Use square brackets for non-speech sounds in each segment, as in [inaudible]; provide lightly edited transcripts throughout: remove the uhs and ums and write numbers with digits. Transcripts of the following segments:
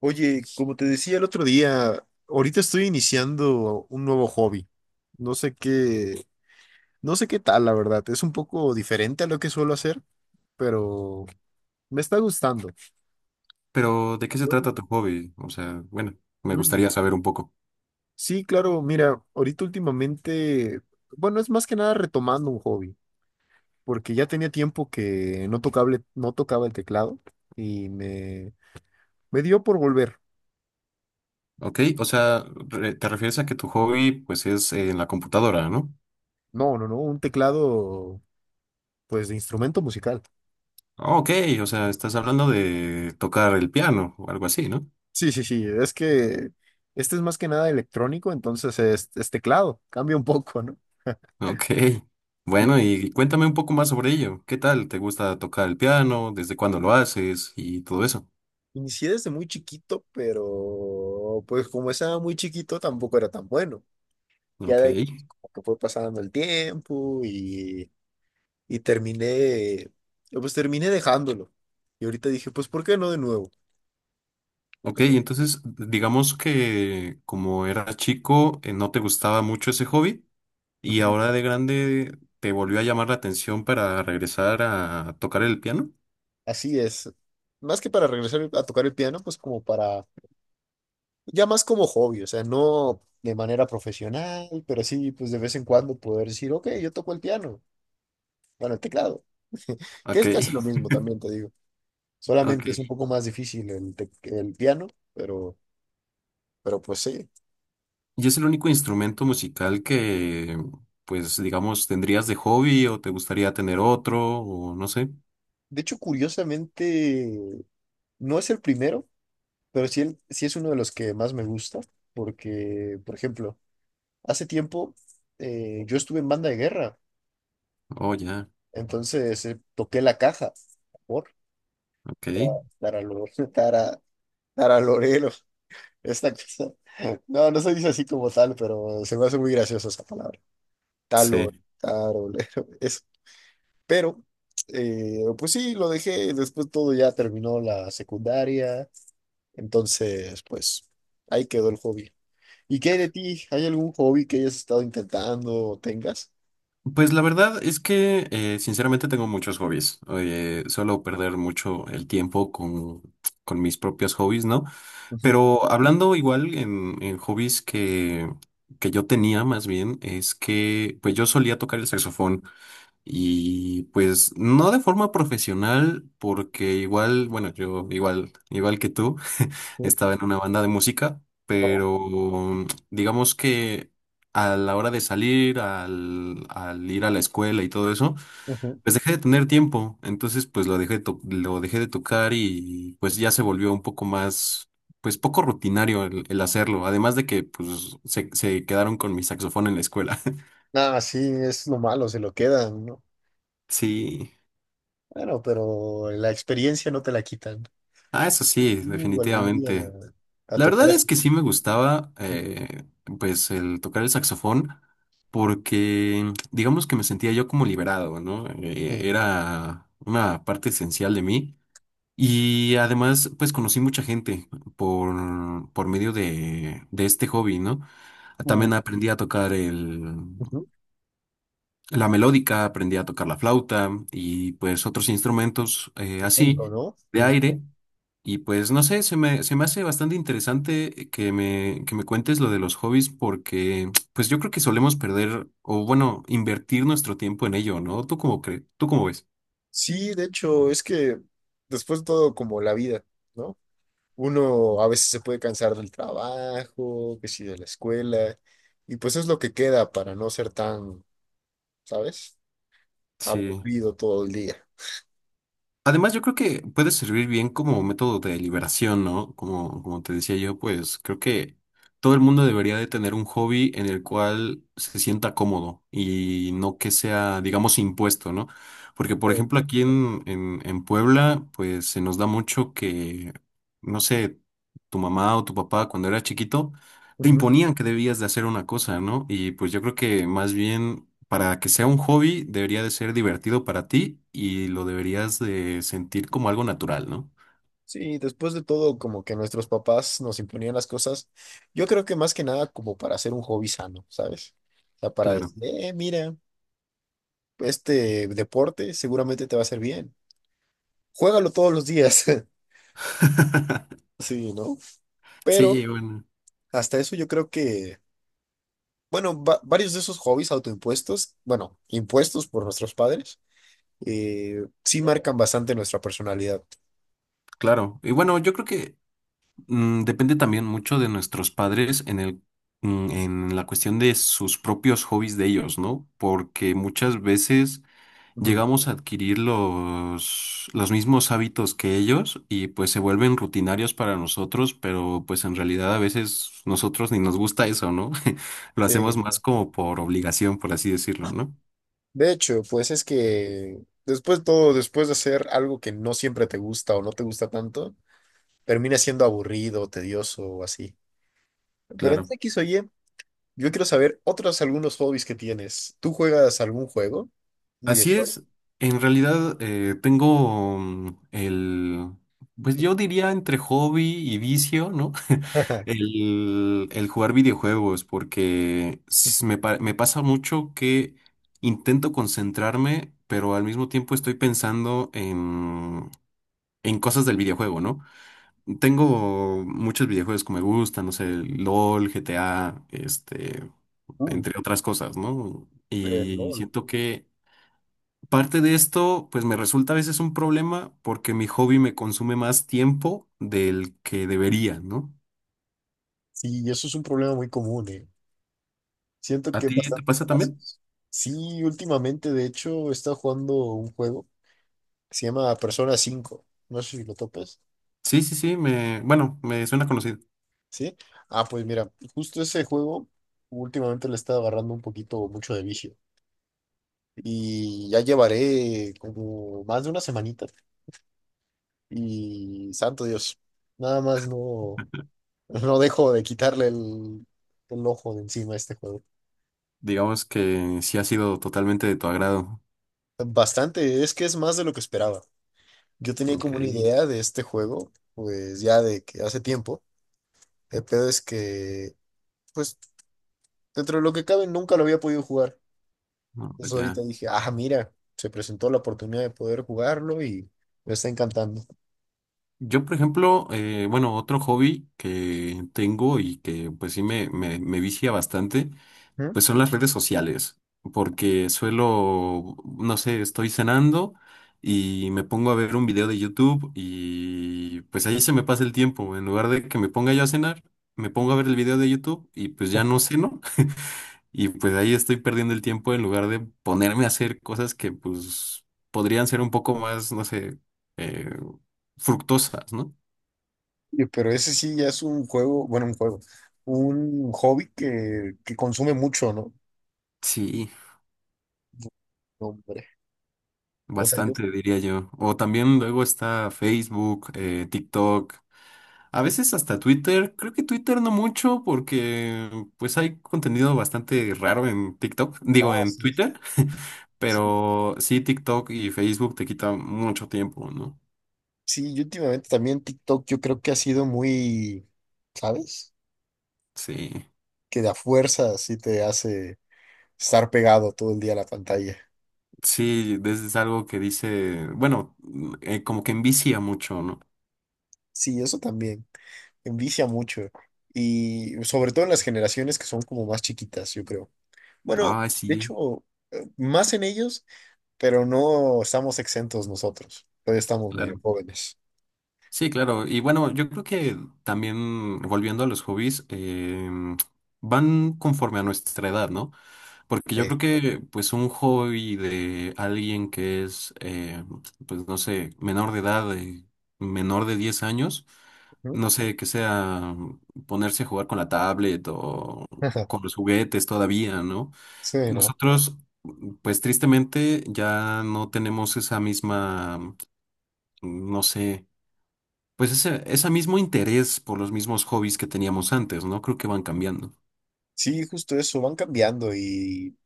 Oye, como te decía el otro día, ahorita estoy iniciando un nuevo hobby. No sé qué, no sé qué tal, la verdad. Es un poco diferente a lo que suelo hacer, pero me está gustando. Pero, ¿de qué se trata tu hobby? O sea, bueno, me Mm. gustaría saber un poco. Sí, claro, mira, ahorita últimamente, bueno, es más que nada retomando un hobby, porque ya tenía tiempo que no tocaba el teclado y me, me dio por volver. Ok, o sea, te refieres a que tu hobby, pues, es en la computadora, ¿no? No, no, no, un teclado pues de instrumento musical. Ah, ok, o sea, estás hablando de tocar el piano o algo así, ¿no? Sí, sí, sí, es que este es más que nada electrónico, entonces es teclado, cambia un poco, ¿no? Ok. [laughs] Sí. Bueno, y cuéntame un poco más sobre ello. ¿Qué tal? ¿Te gusta tocar el piano? ¿Desde cuándo lo haces? Y todo eso. Inicié desde muy chiquito, pero pues como estaba muy chiquito tampoco era tan bueno. Ya Ok. de ahí como que fue pasando el tiempo y terminé, pues terminé dejándolo. Y ahorita dije, pues ¿por qué no de nuevo? Ok, entonces, digamos que como eras chico, ¿no te gustaba mucho ese hobby? ¿Y Ujú. ahora de grande te volvió a llamar la atención para regresar a tocar el piano? Así es. Más que para regresar a tocar el piano, pues como para ya más como hobby, o sea, no de manera profesional, pero sí, pues de vez en cuando poder decir, ok, yo toco el piano, bueno, el teclado, [laughs] que Ok, es casi lo [laughs] mismo también, te digo. Solamente es un ok. poco más difícil el piano, pero, pero pues sí. ¿Y es el único instrumento musical que, pues, digamos, tendrías de hobby o te gustaría tener otro o no sé? De hecho, curiosamente, no es el primero, pero sí, sí es uno de los que más me gusta, porque, por ejemplo, hace tiempo yo estuve en banda de guerra, Oh, ya, entonces toqué la caja, por, ok. para, para los, [laughs] Nara Lorelo, esta cosa. No, no se dice así como tal, pero se me hace muy graciosa esa palabra. Talo, Sí. tarolero, eso. Pero, pues sí, lo dejé. Después todo ya terminó la secundaria. Entonces, pues ahí quedó el hobby. ¿Y qué hay de ti? ¿Hay algún hobby que hayas estado intentando o tengas? Pues la verdad es que, sinceramente, tengo muchos hobbies. Oye, suelo perder mucho el tiempo con mis propios hobbies, ¿no? Ujú, Pero hablando igual en hobbies que yo tenía más bien, es que pues yo solía tocar el saxofón y pues no de forma profesional porque igual, bueno, yo igual, igual que tú ujú. estaba en una banda de música, No, pero digamos que a la hora de al ir a la escuela y todo eso, ujú. pues dejé de tener tiempo, entonces pues lo dejé, lo dejé de tocar y pues ya se volvió un poco más, pues poco rutinario el hacerlo, además de que pues se quedaron con mi saxofón en la escuela. [laughs] Ah, sí, es lo malo, se lo quedan, ¿no? Sí, Bueno, pero la experiencia no te la quitan. ah, eso sí, Algún día definitivamente. a La tocar. verdad es que sí me gustaba, Así. Pues, el tocar el saxofón, porque digamos que me sentía yo como liberado, ¿no? Ujú. Era una parte esencial de mí. Y además, pues, conocí mucha gente por medio de este hobby, ¿no? Uh, También aprendí a tocar ujú. la melódica, aprendí a tocar la flauta y, pues, otros instrumentos así Tremendo, ¿no? de Tremendo. aire. Y pues no sé, se me hace bastante interesante que que me cuentes lo de los hobbies porque pues yo creo que solemos perder o bueno, invertir nuestro tiempo en ello, ¿no? ¿Tú cómo crees? ¿Tú cómo ves? Sí, de hecho, es que después de todo, como la vida, ¿no? Uno a veces se puede cansar del trabajo, que sí, de la escuela, y pues es lo que queda para no ser tan, ¿sabes? Sí. Aburrido todo el día. Además, yo creo que puede servir bien como método de liberación, ¿no? Como, como te decía yo, pues creo que todo el mundo debería de tener un hobby en el cual se sienta cómodo y no que sea, digamos, impuesto, ¿no? Porque, por Oh, ejemplo, aquí en Puebla, pues se nos da mucho que, no sé, tu mamá o tu papá cuando era chiquito, te ujú. imponían que debías de hacer una cosa, ¿no? Y pues yo creo que más bien para que sea un hobby, debería de ser divertido para ti y lo deberías de sentir como algo natural, ¿no? Sí, después de todo, como que nuestros papás nos imponían las cosas, yo creo que más que nada como para hacer un hobby sano, ¿sabes? O sea, para Claro. decir, mira, este deporte seguramente te va a hacer bien. Juégalo todos los días. [laughs] [laughs] Sí, ¿no? Pero Sí, bueno, hasta eso yo creo que, bueno, varios de esos hobbies autoimpuestos, bueno, impuestos por nuestros padres, sí marcan bastante nuestra personalidad. claro. Y bueno, yo creo que depende también mucho de nuestros padres en en la cuestión de sus propios hobbies de ellos, ¿no? Porque muchas veces Ujú. llegamos a adquirir los mismos hábitos que ellos y pues se vuelven rutinarios para nosotros, pero pues en realidad a veces nosotros ni nos gusta eso, ¿no? [laughs] Lo Sí, hacemos más ¿no? como por obligación, por así decirlo, ¿no? De hecho, pues es que después todo, después de hacer algo que no siempre te gusta o no te gusta tanto, termina siendo aburrido, tedioso o así. Pero en Claro. X o Y, yo quiero saber otros algunos hobbies que tienes. ¿Tú juegas algún juego? Un Así videojuego. es, en realidad tengo pues yo diría entre hobby y vicio, ¿no? [laughs] [laughs] El jugar videojuegos, porque me pasa mucho que intento concentrarme, pero al mismo tiempo estoy pensando en cosas del videojuego, ¿no? Tengo muchos videojuegos que me gustan, no sé, LOL, GTA, este, Uh, entre otras cosas, ¿no? el Y LOL. siento que parte de esto, pues me resulta a veces un problema porque mi hobby me consume más tiempo del que debería, ¿no? Sí, eso es un problema muy común, eh. Siento ¿A que en ti te bastantes pasa también? casos. Sí, últimamente, de hecho, he estado jugando un juego que se llama Persona 5. No sé si lo topes, Sí, sí, sí, me, bueno, me suena conocido. ¿sí? Ah, pues mira, justo ese juego últimamente le está agarrando un poquito mucho de vicio. Y ya llevaré como más de una semanita. Y santo Dios, nada más no, no dejo de quitarle el ojo de encima a este juego. Digamos que sí ha sido totalmente de tu agrado. Bastante, es que es más de lo que esperaba. Yo tenía Ok, como una idea de este juego, pues ya de que hace tiempo. El pedo es que, pues, dentro de lo que cabe, nunca lo había podido jugar. no, Entonces pues ya. ahorita dije, ah, mira, se presentó la oportunidad de poder jugarlo y me está encantando. Yo, por ejemplo, bueno, otro hobby que tengo y que pues sí me vicia bastante. ¿Mm? Pues son las redes sociales, porque suelo, no sé, estoy cenando y me pongo a ver un video de YouTube y pues ahí se me pasa el tiempo. En lugar de que me ponga yo a cenar, me pongo a ver el video de YouTube y pues ya no ceno [laughs] y pues ahí estoy perdiendo el tiempo en lugar de ponerme a hacer cosas que pues podrían ser un poco más, no sé, eh, fructosas, ¿no? Pero ese sí ya es un juego, bueno, un juego, un hobby que consume mucho, ¿no? Sí, No, hombre. O sea, yo, bastante diría yo. O también luego está Facebook, TikTok. A veces hasta Twitter, creo que Twitter no mucho porque pues hay contenido bastante raro en TikTok, digo ah, en sí, Twitter, [laughs] sí. pero sí TikTok y Facebook te quitan mucho tiempo, ¿no? Sí, yo últimamente también TikTok, yo creo que ha sido muy, ¿sabes? Sí, Que de a fuerza sí te hace estar pegado todo el día a la pantalla. sí, es algo que dice, bueno, como que envicia mucho, ¿no? Sí, eso también envicia mucho. Y sobre todo en las generaciones que son como más chiquitas, yo creo. Bueno, Ah, de sí, hecho, más en ellos, pero no estamos exentos nosotros. Todavía estamos medio claro. jóvenes. Sí, claro. Y bueno, yo creo que también volviendo a los hobbies, van conforme a nuestra edad, ¿no? Porque yo creo Eh, que pues un hobby de alguien que es, pues no sé, menor de edad, menor de 10 años, ujú. no sé, que sea ponerse a jugar con la tablet o con [laughs] los juguetes todavía, ¿no? Sí, ¿no? Nosotros, pues tristemente, ya no tenemos esa misma, no sé, pues ese mismo interés por los mismos hobbies que teníamos antes, ¿no? Creo que van cambiando. Sí, justo eso, van cambiando y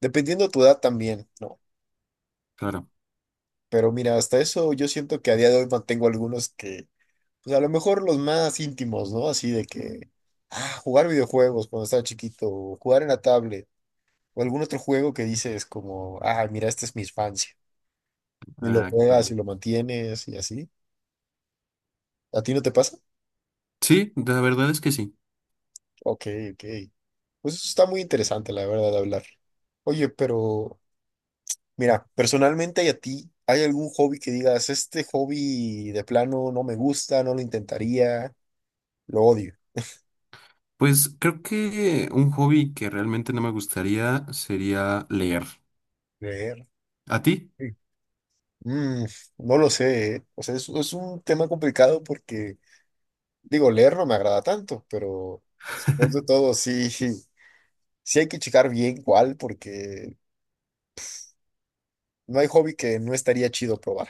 dependiendo de tu edad también, ¿no? Claro. Pero mira, hasta eso yo siento que a día de hoy mantengo algunos que pues a lo mejor los más íntimos, ¿no? Así de que, ah, jugar videojuegos cuando estaba chiquito, o jugar en la tablet, o algún otro juego que dices como, ah, mira, esta es mi infancia, y lo Ah, juegas claro. y lo mantienes y así. ¿A ti no te pasa? Sí, la verdad es que sí. Ok, ok. Pues eso está muy interesante, la verdad, de hablar. Oye, pero mira, personalmente y a ti, ¿hay algún hobby que digas, este hobby de plano no me gusta, no lo intentaría, lo odio? Pues creo que un hobby que realmente no me gustaría sería leer. Leer. ¿A ti? Mm, no lo sé, ¿eh? O sea, es un tema complicado porque, digo, leer no me agrada tanto, pero después de todo, sí, [laughs] sí hay que checar bien cuál, porque no hay hobby que no estaría chido probar.